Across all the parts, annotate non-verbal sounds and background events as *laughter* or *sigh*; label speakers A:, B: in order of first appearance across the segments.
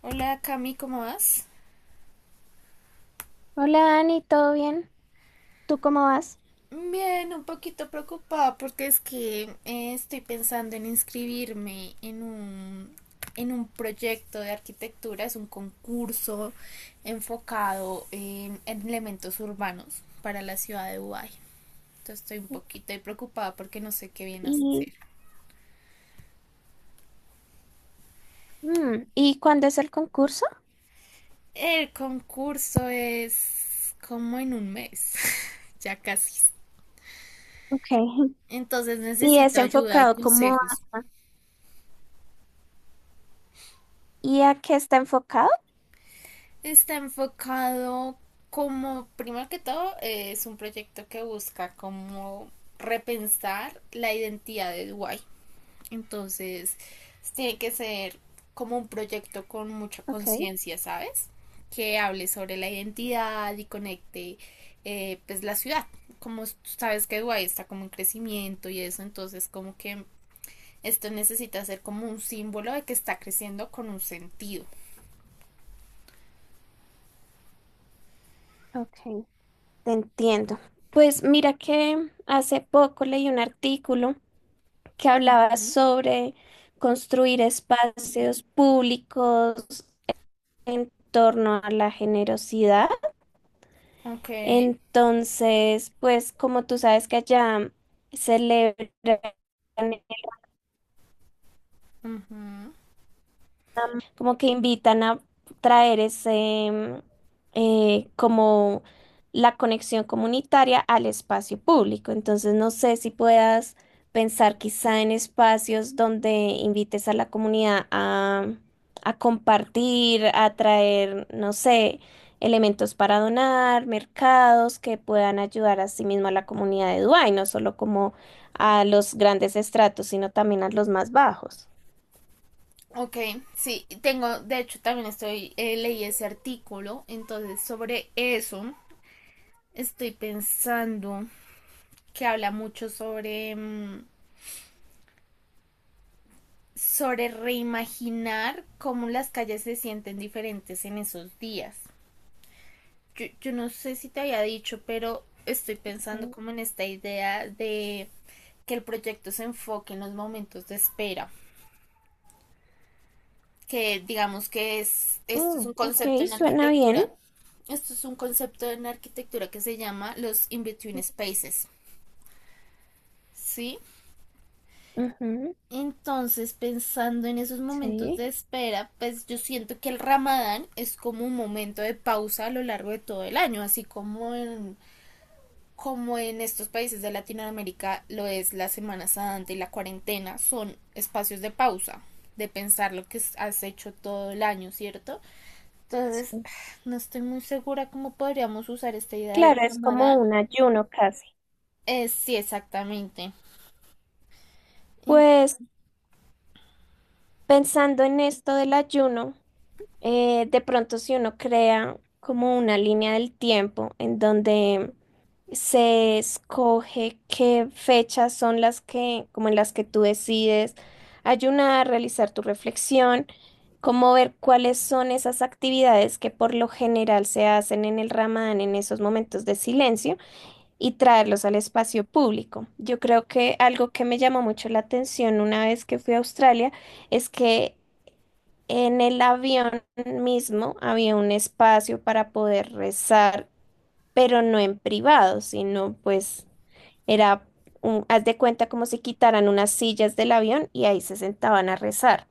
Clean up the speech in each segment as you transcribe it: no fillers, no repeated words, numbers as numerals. A: Hola Cami, ¿cómo vas?
B: Hola Dani, ¿todo bien? ¿Tú cómo vas?
A: Bien, un poquito preocupada porque es que estoy pensando en inscribirme en un proyecto de arquitectura, es un concurso enfocado en elementos urbanos para la ciudad de Dubái. Entonces estoy un poquito ahí preocupada porque no sé qué viene a
B: Y,
A: hacer.
B: ¿Y cuándo es el concurso?
A: El concurso es como en un mes, *laughs* ya casi.
B: Ok. *laughs*
A: Entonces
B: ¿Y es
A: necesito ayuda y
B: enfocado como
A: consejos.
B: y a qué está enfocado?
A: Está enfocado como, primero que todo, es un proyecto que busca como repensar la identidad de Dubái. Entonces, tiene que ser como un proyecto con mucha
B: Ok,
A: conciencia, ¿sabes? Que hable sobre la identidad y conecte, pues, la ciudad. Como tú sabes que Dubái está como en crecimiento y eso, entonces como que esto necesita ser como un símbolo de que está creciendo con un sentido.
B: ok, te entiendo. Pues mira que hace poco leí un artículo que hablaba
A: Ujú.
B: sobre construir espacios públicos en torno a la generosidad.
A: Ok.
B: Entonces, pues como tú sabes que allá celebran,
A: Ujú.
B: como que invitan a traer como la conexión comunitaria al espacio público. Entonces, no sé si puedas pensar quizá en espacios donde invites a la comunidad a compartir, a traer, no sé, elementos para donar, mercados que puedan ayudar a sí mismo a la comunidad de Dubái, no solo como a los grandes estratos, sino también a los más bajos.
A: Ok, sí, tengo, de hecho también estoy, leí ese artículo, entonces sobre eso estoy pensando, que habla mucho sobre, sobre reimaginar cómo las calles se sienten diferentes en esos días. Yo no sé si te había dicho, pero estoy pensando
B: Eh,
A: como en esta idea de que el proyecto se enfoque en los momentos de espera. Que digamos que es,
B: Oh, ok, suena bien.
A: esto es un concepto en arquitectura que se llama los in-between spaces, ¿sí?
B: Ujú,
A: Entonces, pensando en esos momentos
B: sí,
A: de espera, pues yo siento que el Ramadán es como un momento de pausa a lo largo de todo el año, así como en estos países de Latinoamérica lo es la Semana Santa y la cuarentena, son espacios de pausa, de pensar lo que has hecho todo el año, ¿cierto? Entonces,
B: sí.
A: *sighs* no estoy muy segura cómo podríamos usar esta idea del
B: Claro, es como
A: Ramadán.
B: un ayuno casi.
A: Sí, exactamente. En-
B: Pues pensando en esto del ayuno, de pronto si uno crea como una línea del tiempo en donde se escoge qué fechas son las que, como en las que tú decides ayunar, realizar tu reflexión, como ver cuáles son esas actividades que por lo general se hacen en el Ramadán en esos momentos de silencio y traerlos al espacio público. Yo creo que algo que me llamó mucho la atención una vez que fui a Australia es que en el avión mismo había un espacio para poder rezar, pero no en privado, sino pues era, haz de cuenta como si quitaran unas sillas del avión y ahí se sentaban a rezar.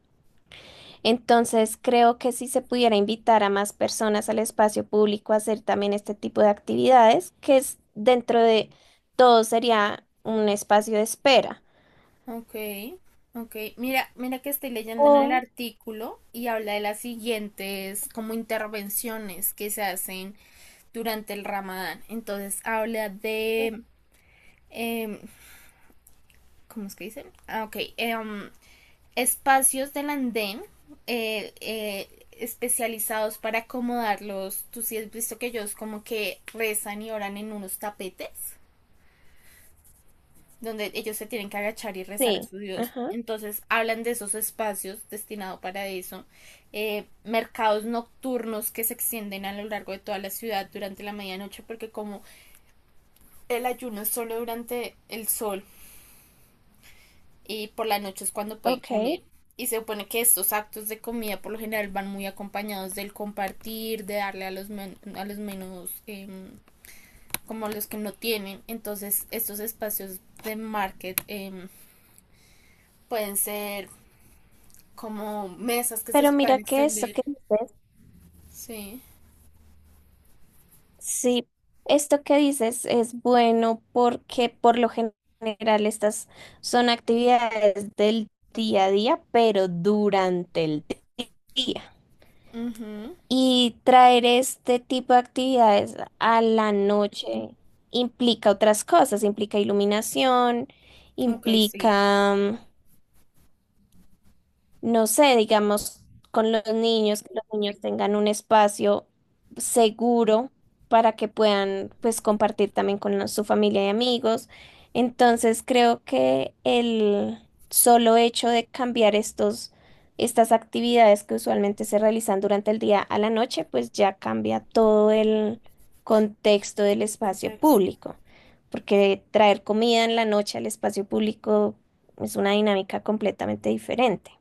B: Entonces, creo que si se pudiera invitar a más personas al espacio público a hacer también este tipo de actividades, que es dentro de todo sería un espacio de espera.
A: Ok, ok. Mira, mira que estoy leyendo en el
B: O,
A: artículo y habla de las siguientes como intervenciones que se hacen durante el Ramadán. Entonces habla de, em, ¿cómo es que dicen? Ah, ok, espacios del andén, especializados para acomodarlos. Tú sí has visto que ellos como que rezan y oran en unos tapetes, donde ellos se tienen que agachar y rezar a
B: sí,
A: su Dios.
B: ajá,
A: Entonces hablan de esos espacios destinados para eso. Mercados nocturnos que se extienden a lo largo de toda la ciudad durante la medianoche, porque como el ayuno es solo durante el sol y por la noche es cuando pueden comer.
B: ok.
A: Y se supone que estos actos de comida por lo general van muy acompañados del compartir, de darle a los, a los menos, como los que no tienen. Entonces estos espacios de market, pueden ser como mesas que se
B: Pero
A: pueden
B: mira que esto
A: extender.
B: que dices,
A: Sí.
B: sí, esto que dices es bueno porque por lo general estas son actividades del día a día, pero durante el día.
A: Ujú.
B: Y traer este tipo de actividades a la noche implica otras cosas, implica iluminación,
A: Ok, sí.
B: implica mm, no sé, digamos, con los niños, que los niños tengan un espacio seguro para que puedan, pues, compartir también con su familia y amigos. Entonces, creo que el solo hecho de cambiar estas actividades que usualmente se realizan durante el día a la noche, pues ya cambia todo el contexto del
A: Todo el
B: espacio
A: contexto.
B: público, porque traer comida en la noche al espacio público es una dinámica completamente diferente.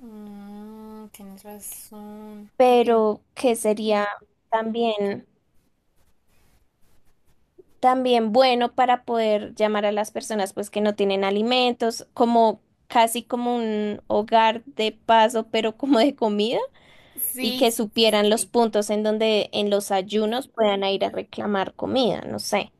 A: Mm, tienes razón. Oye.
B: Pero que sería también, también bueno para poder llamar a las personas pues que no tienen alimentos, como casi como un hogar de paso, pero como de comida, y
A: Sí,
B: que
A: sí, sí, sí,
B: supieran los
A: sí.
B: puntos en donde en los ayunos puedan ir a reclamar comida, no sé.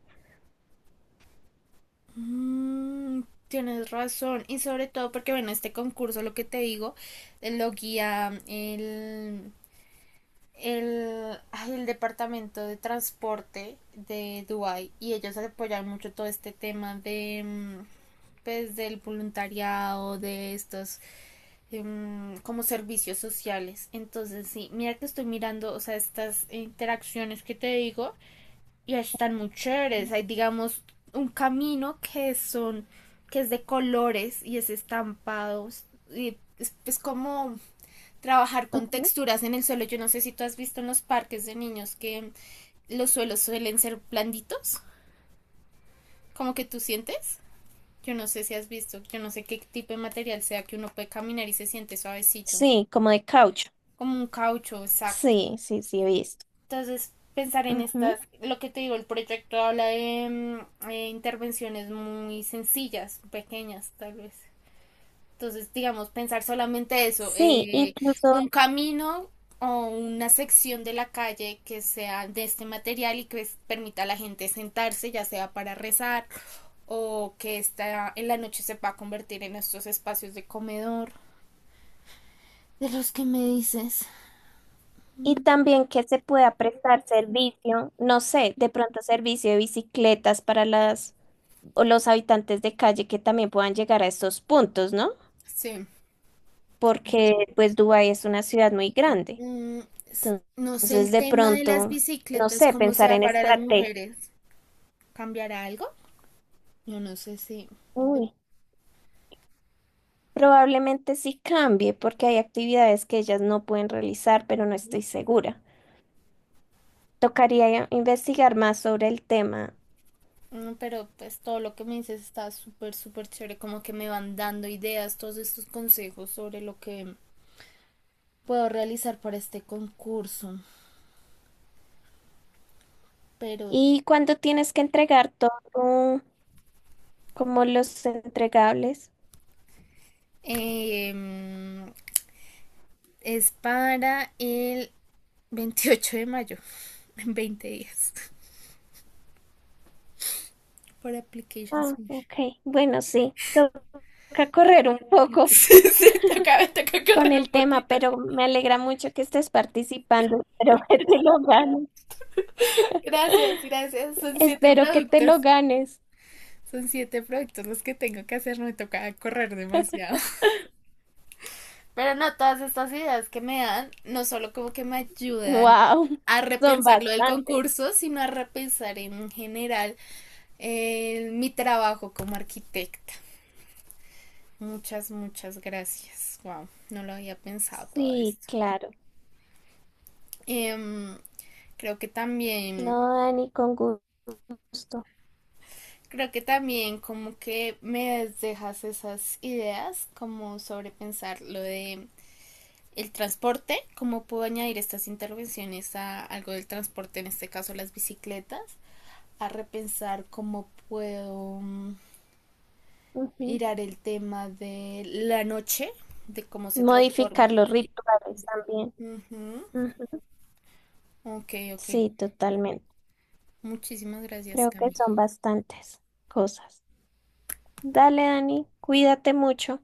A: Mm, tienes razón. Y sobre todo porque, bueno, este concurso, lo que te digo, lo guía el departamento de transporte de Dubai, y ellos apoyan mucho todo este tema de, pues, del voluntariado, de estos, como servicios sociales. Entonces, sí, mira que estoy mirando, o sea, estas interacciones que te digo y están muy chéveres. Hay, digamos, un camino que es de colores y es estampado. Y es como trabajar con
B: Ujú.
A: texturas en el suelo. Yo no sé si tú has visto en los parques de niños que los suelos suelen ser blanditos, como que tú sientes. Yo no sé si has visto, yo no sé qué tipo de material sea, que uno puede caminar y se siente suavecito,
B: Sí, como de caucho.
A: como un caucho, exacto.
B: Sí, sí, sí, he visto.
A: Entonces, pensar en
B: Ujú.
A: estas, lo que te digo, el proyecto habla de, intervenciones muy sencillas, pequeñas tal vez. Entonces, digamos, pensar solamente eso,
B: Sí, incluso.
A: un camino o una sección de la calle que sea de este material y permita a la gente sentarse, ya sea para rezar o que esta, en la noche, se pueda convertir en estos espacios de comedor. De los que me dices.
B: Y
A: Mm,
B: también que se pueda prestar servicio, no sé, de pronto servicio de bicicletas para las o los habitantes de calle que también puedan llegar a estos puntos, ¿no?
A: sí, ok.
B: Porque pues Dubái es una ciudad muy grande.
A: Mm, no sé,
B: Entonces,
A: el
B: de
A: tema de las
B: pronto, no
A: bicicletas,
B: sé,
A: cómo
B: pensar
A: sea
B: en
A: para las
B: estrategia.
A: mujeres, ¿cambiará algo? Yo no sé si... yo-
B: Uy, probablemente sí cambie porque hay actividades que ellas no pueden realizar, pero no estoy segura. Tocaría investigar más sobre el tema.
A: pero pues todo lo que me dices está súper, súper chévere, como que me van dando ideas, todos estos consejos sobre lo que puedo realizar para este concurso. Pero,
B: ¿Y cuándo tienes que entregar todo? Como los entregables.
A: em, es para el 28 de mayo, *laughs* en 20 días, por Application
B: Ah,
A: Submission.
B: ok. Bueno, sí, toca correr un *laughs* poco
A: *laughs* Toca, toca
B: con
A: correr un
B: el tema,
A: poquito.
B: pero me alegra mucho que estés participando. *laughs* Espero que te lo ganes.
A: Gracias, gracias. Son siete
B: Espero que te lo
A: productos.
B: ganes.
A: Son siete productos los que tengo que hacer. No me toca correr demasiado. *laughs* Pero no, todas estas ideas que me dan, no solo como que me ayudan
B: Wow,
A: a
B: son
A: repensar lo del
B: bastantes.
A: concurso, sino a repensar en general, mi trabajo como arquitecta. Muchas, muchas gracias. Wow, no lo había pensado todo
B: Sí,
A: esto.
B: claro.
A: Em, creo que también
B: No, Dani, con gusto.
A: Creo que también como que me dejas esas ideas, como sobre pensar lo de el transporte, cómo puedo añadir estas intervenciones a algo del transporte, en este caso las bicicletas, a repensar cómo puedo,
B: Ujú.
A: mirar el tema de la noche, de cómo se transforma.
B: Modificar los rituales también.
A: Ujú.
B: Ujú.
A: Ok, ok.
B: Sí, totalmente.
A: Muchísimas gracias,
B: Creo que
A: Cami.
B: son bastantes cosas. Dale, Dani, cuídate mucho.